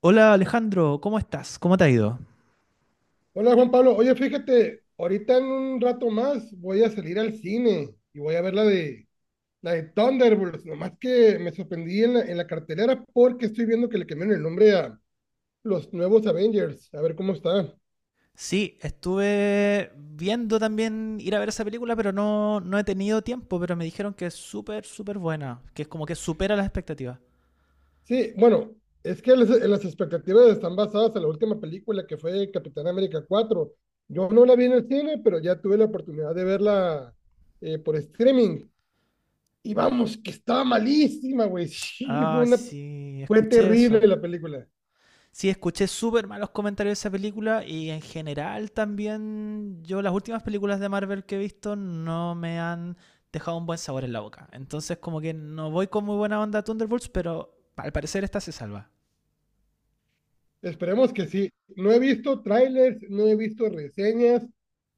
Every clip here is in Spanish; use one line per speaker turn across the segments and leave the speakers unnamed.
Hola Alejandro, ¿cómo estás? ¿Cómo te ha ido?
Hola Juan Pablo, oye fíjate, ahorita en un rato más voy a salir al cine y voy a ver la de Thunderbolts, nomás que me sorprendí en la cartelera porque estoy viendo que le cambiaron el nombre a los nuevos Avengers, a ver cómo está.
Sí, estuve viendo también ir a ver esa película, pero no he tenido tiempo, pero me dijeron que es súper, súper buena, que es como que supera las expectativas.
Sí, bueno, es que las expectativas están basadas en la última película que fue Capitán América 4. Yo no la vi en el cine, pero ya tuve la oportunidad de verla por streaming y vamos, que estaba malísima, güey. Sí,
Ah, sí,
fue
escuché eso.
terrible la película.
Sí, escuché súper malos comentarios de esa película y en general también yo las últimas películas de Marvel que he visto no me han dejado un buen sabor en la boca. Entonces como que no voy con muy buena onda a Thunderbolts, pero al parecer esta se salva.
Esperemos que sí. No he visto trailers, no he visto reseñas.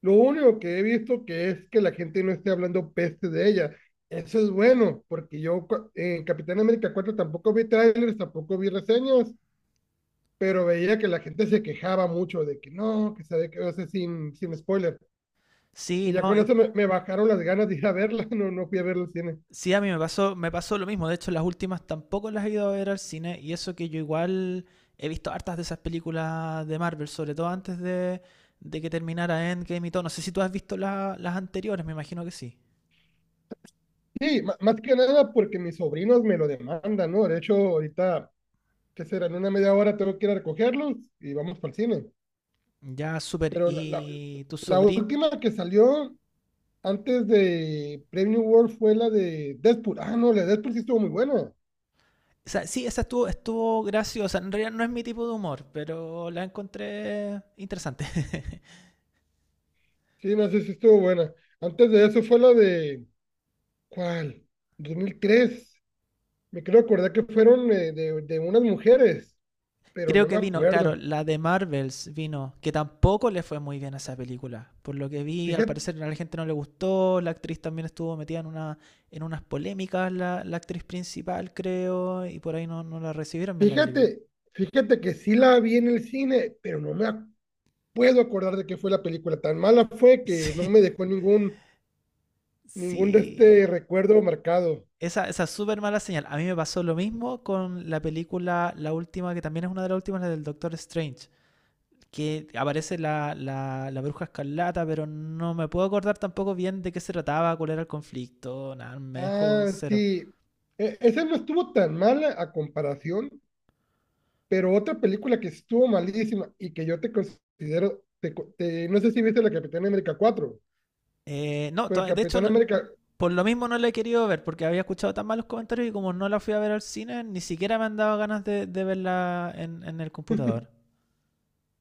Lo único que he visto que es que la gente no esté hablando peste de ella. Eso es bueno, porque yo en Capitán América cuatro tampoco vi trailers, tampoco vi reseñas, pero veía que la gente se quejaba mucho de que no, que sabe que, o sea, sin spoiler.
Sí,
Y ya
no,
con eso me bajaron las ganas de ir a verla, no, no fui a verla al cine.
sí, a mí me pasó lo mismo. De hecho, las últimas tampoco las he ido a ver al cine. Y eso que yo igual he visto hartas de esas películas de Marvel, sobre todo antes de que terminara Endgame y todo. No sé si tú has visto las anteriores, me imagino que sí.
Sí, más que nada porque mis sobrinos me lo demandan, ¿no? De hecho, ahorita ¿qué será? En una media hora tengo que ir a recogerlos y vamos para el cine.
Ya, súper.
Pero
Y tu
la
sobrín.
última que salió antes de Premium World fue la de Deadpool. Ah, no, la de Deadpool sí estuvo muy buena.
O sea, sí, esa estuvo, estuvo graciosa. En realidad no es mi tipo de humor, pero la encontré interesante.
Sí, no sé si estuvo buena. Antes de eso fue la de, ¿cuál? 2003. Me quiero acordar que fueron de unas mujeres, pero
Creo
no
que
me
vino, claro,
acuerdo.
la de Marvels vino, que tampoco le fue muy bien a esa película. Por lo que vi, al
Fíjate,
parecer a la gente no le gustó, la actriz también estuvo metida en una, en unas polémicas, la actriz principal, creo, y por ahí no la recibieron bien la película.
fíjate, fíjate que sí la vi en el cine, pero no me ac- puedo acordar de qué fue la película. Tan mala fue que no
Sí,
me dejó ningún ningún de este
sí.
recuerdo marcado.
Esa es súper mala señal. A mí me pasó lo mismo con la película, la última, que también es una de las últimas, la del Doctor Strange, que aparece la bruja escarlata, pero no me puedo acordar tampoco bien de qué se trataba, cuál era el conflicto, nada, me dejó
Ah,
cero.
sí. Esa no estuvo tan mala a comparación, pero otra película que estuvo malísima y que yo te considero, no sé si viste la Capitán América 4,
No,
pero
de hecho,
Capitán América,
por lo mismo no la he querido ver, porque había escuchado tan malos comentarios y como no la fui a ver al cine, ni siquiera me han dado ganas de verla en el computador.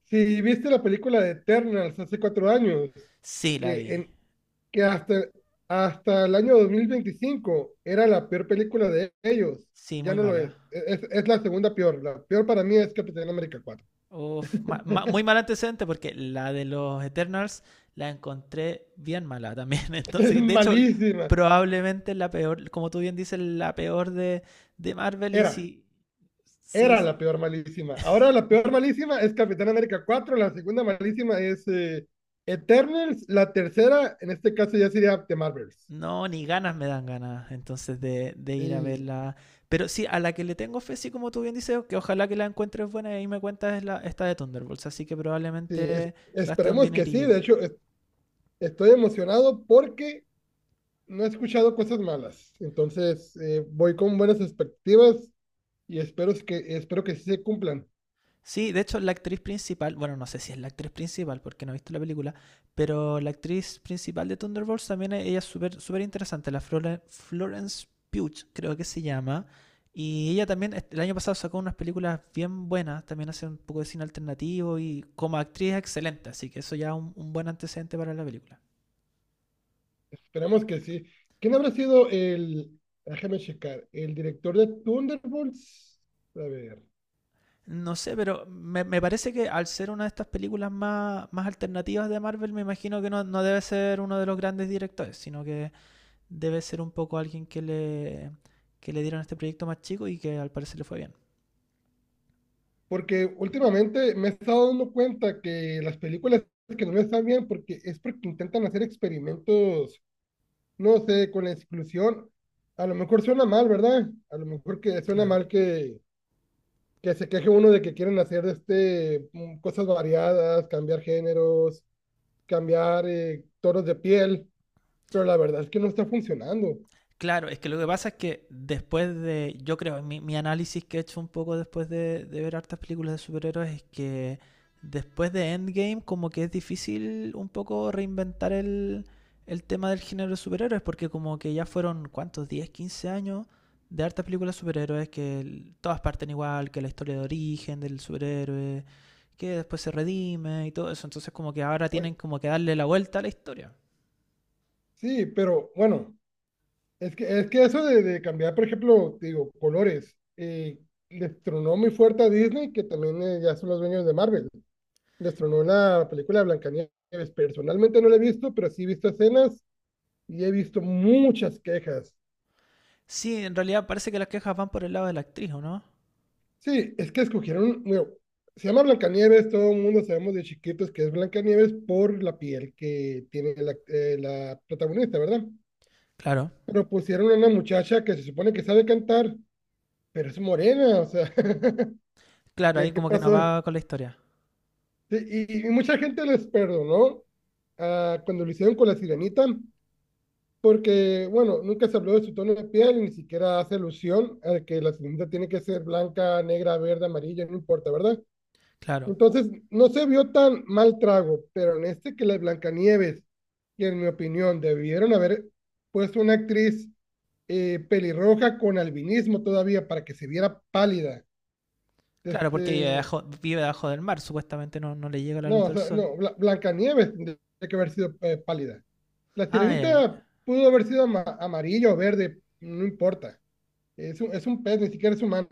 si viste la película de Eternals hace 4 años,
Sí, la
que,
vi.
en, que hasta, hasta el año 2025 era la peor película de ellos,
Sí,
ya
muy
no lo es.
mala.
Es la segunda peor. La peor para mí es Capitán América 4.
Uf, muy mal antecedente porque la de los Eternals la encontré bien mala también.
Es
Entonces, de hecho,
malísima.
probablemente la peor, como tú bien dices, la peor de Marvel. Y
Era,
si, si
era la peor malísima. Ahora la peor malísima es Capitán América 4, la segunda malísima es Eternals, la tercera, en este caso ya sería The Marvels.
no, ni ganas me dan ganas entonces de ir a
Sí,
verla. Pero sí, a la que le tengo fe, sí, como tú bien dices, que ojalá que la encuentres buena y ahí me cuentas es la, esta de Thunderbolts. Así que
sí,
probablemente gaste un
esperemos que sí.
dinerillo y
De
vaya.
hecho, estoy emocionado porque no he escuchado cosas malas. Entonces, voy con buenas expectativas y espero que sí se cumplan.
Sí, de hecho, la actriz principal, bueno, no sé si es la actriz principal porque no he visto la película, pero la actriz principal de Thunderbolts también ella es súper súper interesante, la Florence Pugh, creo que se llama. Y ella también el año pasado sacó unas películas bien buenas, también hace un poco de cine alternativo y como actriz es excelente, así que eso ya es un buen antecedente para la película.
Esperemos que sí. ¿Quién habrá sido déjame checar, el director de Thunderbolts? A ver.
No sé, pero me parece que al ser una de estas películas más, más alternativas de Marvel, me imagino que no debe ser uno de los grandes directores, sino que debe ser un poco alguien que le dieron este proyecto más chico y que al parecer le fue bien.
Porque últimamente me he estado dando cuenta que las películas que no les están bien, porque es porque intentan hacer experimentos, no sé, con la exclusión. A lo mejor suena mal, ¿verdad? A lo mejor que suena
Claro.
mal que se queje uno de que quieren hacer cosas variadas, cambiar géneros, cambiar tonos de piel, pero la verdad es que no está funcionando.
Claro, es que lo que pasa es que después de, yo creo, mi análisis que he hecho un poco después de ver hartas películas de superhéroes es que después de Endgame como que es difícil un poco reinventar el tema del género de superhéroes porque como que ya fueron, ¿cuántos? 10 15 años de hartas películas de superhéroes que todas parten igual, que la historia de origen del superhéroe, que después se redime y todo eso, entonces como que ahora
Oye,
tienen como que darle la vuelta a la historia.
sí, pero bueno. Es que eso de cambiar, por ejemplo, te digo, colores, les tronó muy fuerte a Disney, que también ya son los dueños de Marvel. Les tronó la película de Blancanieves. Personalmente no la he visto, pero sí he visto escenas y he visto muchas quejas.
Sí, en realidad parece que las quejas van por el lado de la actriz, ¿o no?
Sí, es que escogieron, bueno, se llama Blancanieves, todo el mundo sabemos de chiquitos que es Blancanieves por la piel que tiene la protagonista, ¿verdad?
Claro,
Pero pusieron a una muchacha que se supone que sabe cantar, pero es morena, o sea,
claro, ahí
¿qué, qué
como que no
pasó?
va con la historia.
Sí, y mucha gente les perdonó ah, cuando lo hicieron con la sirenita, porque, bueno, nunca se habló de su tono de piel ni siquiera hace alusión a que la sirenita tiene que ser blanca, negra, verde, amarilla, no importa, ¿verdad?
Claro,
Entonces, no se vio tan mal trago, pero en este que las Blancanieves, que en mi opinión debieron haber puesto una actriz pelirroja con albinismo todavía para que se viera pálida.
claro, porque
Este,
vive debajo del mar, supuestamente no le llega la luz
no, o
del
sea,
sol.
no, Blancanieves tendría que haber sido pálida. La
Ah, ya, ya,
sirenita
ya,
pudo haber sido amarillo o verde, no importa. Es un pez, ni siquiera es humana.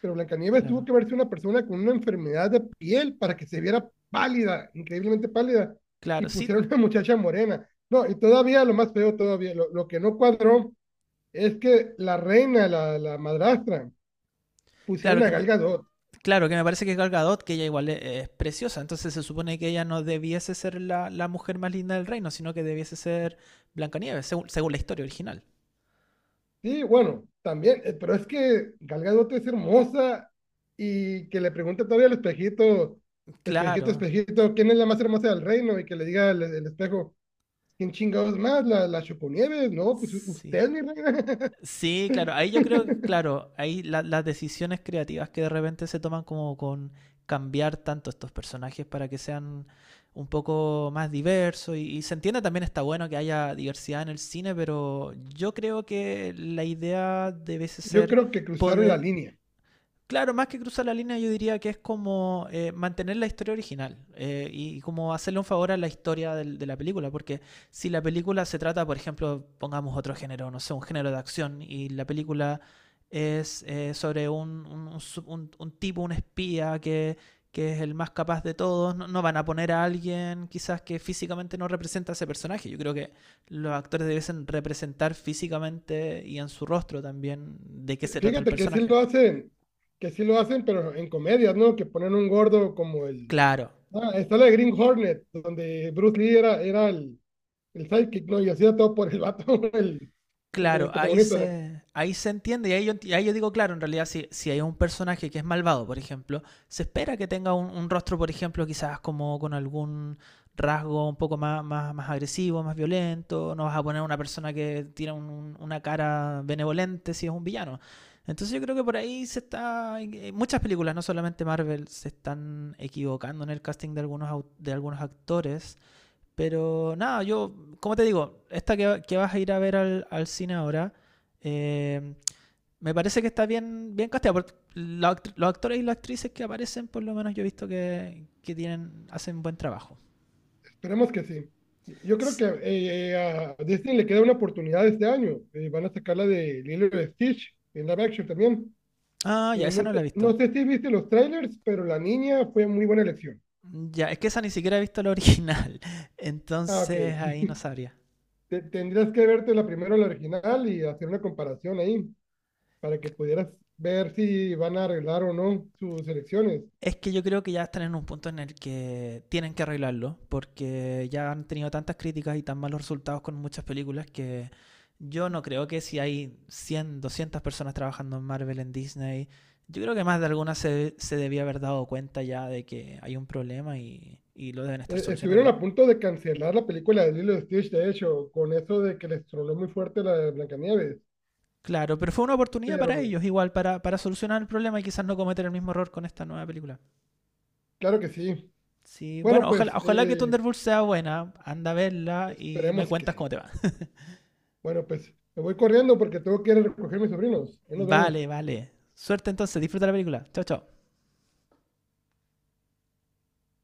Pero Blancanieves tuvo
claro,
que verse una persona con una enfermedad de piel para que se viera pálida, increíblemente pálida. Y
claro, sí,
pusieron a una muchacha morena. No, y todavía lo más feo, todavía, lo que no cuadró es que la reina, la madrastra,
claro
pusieron a
que me,
Gal Gadot.
claro que me parece que Gal Gadot, que ella igual es preciosa, entonces se supone que ella no debiese ser la mujer más linda del reino, sino que debiese ser Blancanieves, según, según la historia original.
Sí, bueno, también, pero es que Gal Gadot es hermosa y que le pregunte todavía al espejito, espejito,
Claro,
espejito, ¿quién es la más hermosa del reino? Y que le diga el espejo, ¿quién chingados más? ¿La, la Choconieves? No, pues
sí.
usted, mi reina.
Sí, claro, ahí yo creo que, claro, ahí las decisiones creativas que de repente se toman como con cambiar tanto estos personajes para que sean un poco más diversos y se entiende también está bueno que haya diversidad en el cine, pero yo creo que la idea debe
Yo
ser
creo que cruzaron la
poder.
línea.
Claro, más que cruzar la línea, yo diría que es como mantener la historia original y como hacerle un favor a la historia de la película, porque si la película se trata, por ejemplo, pongamos otro género, no sé, un género de acción, y la película es sobre un, un tipo, un espía que es el más capaz de todos, no, no van a poner a alguien quizás que físicamente no representa a ese personaje. Yo creo que los actores debiesen representar físicamente y en su rostro también de qué se trata el
Fíjate que sí
personaje.
lo hacen, que sí lo hacen, pero en comedias, ¿no? Que ponen un gordo como el...
Claro,
Ah, está la de Green Hornet, donde Bruce Lee era, era el sidekick, ¿no? Y hacía todo por el vato, el
claro,
protagonista.
ahí se entiende y ahí, yo, ahí yo digo, claro, en realidad si, si hay un personaje que es malvado, por ejemplo, se espera que tenga un rostro, por ejemplo, quizás como con algún rasgo un poco más, más, más agresivo, más violento, no vas a poner una persona que tiene una cara benevolente si es un villano. Entonces yo creo que por ahí se está, muchas películas, no solamente Marvel, se están equivocando en el casting de algunos, de algunos actores, pero nada, yo, como te digo, esta que vas a ir a ver al cine ahora, eh, me parece que está bien, bien casteada, porque los actores y las actrices que aparecen, por lo menos yo he visto que tienen, hacen buen trabajo.
Esperemos que sí. Yo creo
S-
que a Disney le queda una oportunidad este año. Van a sacar la de Lilo y Stitch en live action también.
Ah, ya, esa
No
no
sé,
la he visto.
no sé si viste los trailers, pero la niña fue muy buena elección.
Ya, es que esa ni siquiera he visto la original.
Ah, ok.
Entonces ahí no sabría.
Tendrías que verte la primero, la original, y hacer una comparación ahí para que pudieras ver si van a arreglar o no sus elecciones.
Es que yo creo que ya están en un punto en el que tienen que arreglarlo, porque ya han tenido tantas críticas y tan malos resultados con muchas películas que yo no creo que si hay 100, 200 personas trabajando en Marvel, en Disney, yo creo que más de alguna se, se debía haber dado cuenta ya de que hay un problema y lo deben estar
Estuvieron
solucionando.
a punto de cancelar la película de Lilo y Stitch, de hecho, con eso de que les tronó muy fuerte la de Blancanieves.
Claro, pero fue una oportunidad
Pero
para ellos, igual, para solucionar el problema y quizás no cometer el mismo error con esta nueva película.
claro que sí.
Sí,
Bueno,
bueno, ojalá,
pues
ojalá que Thunderbolt sea buena, anda a verla y me
esperemos que
cuentas cómo
sí.
te va.
Bueno, pues me voy corriendo porque tengo que ir a recoger a mis sobrinos. Ahí nos vemos.
Vale, vale. Suerte entonces, disfruta la película. Chao, chao.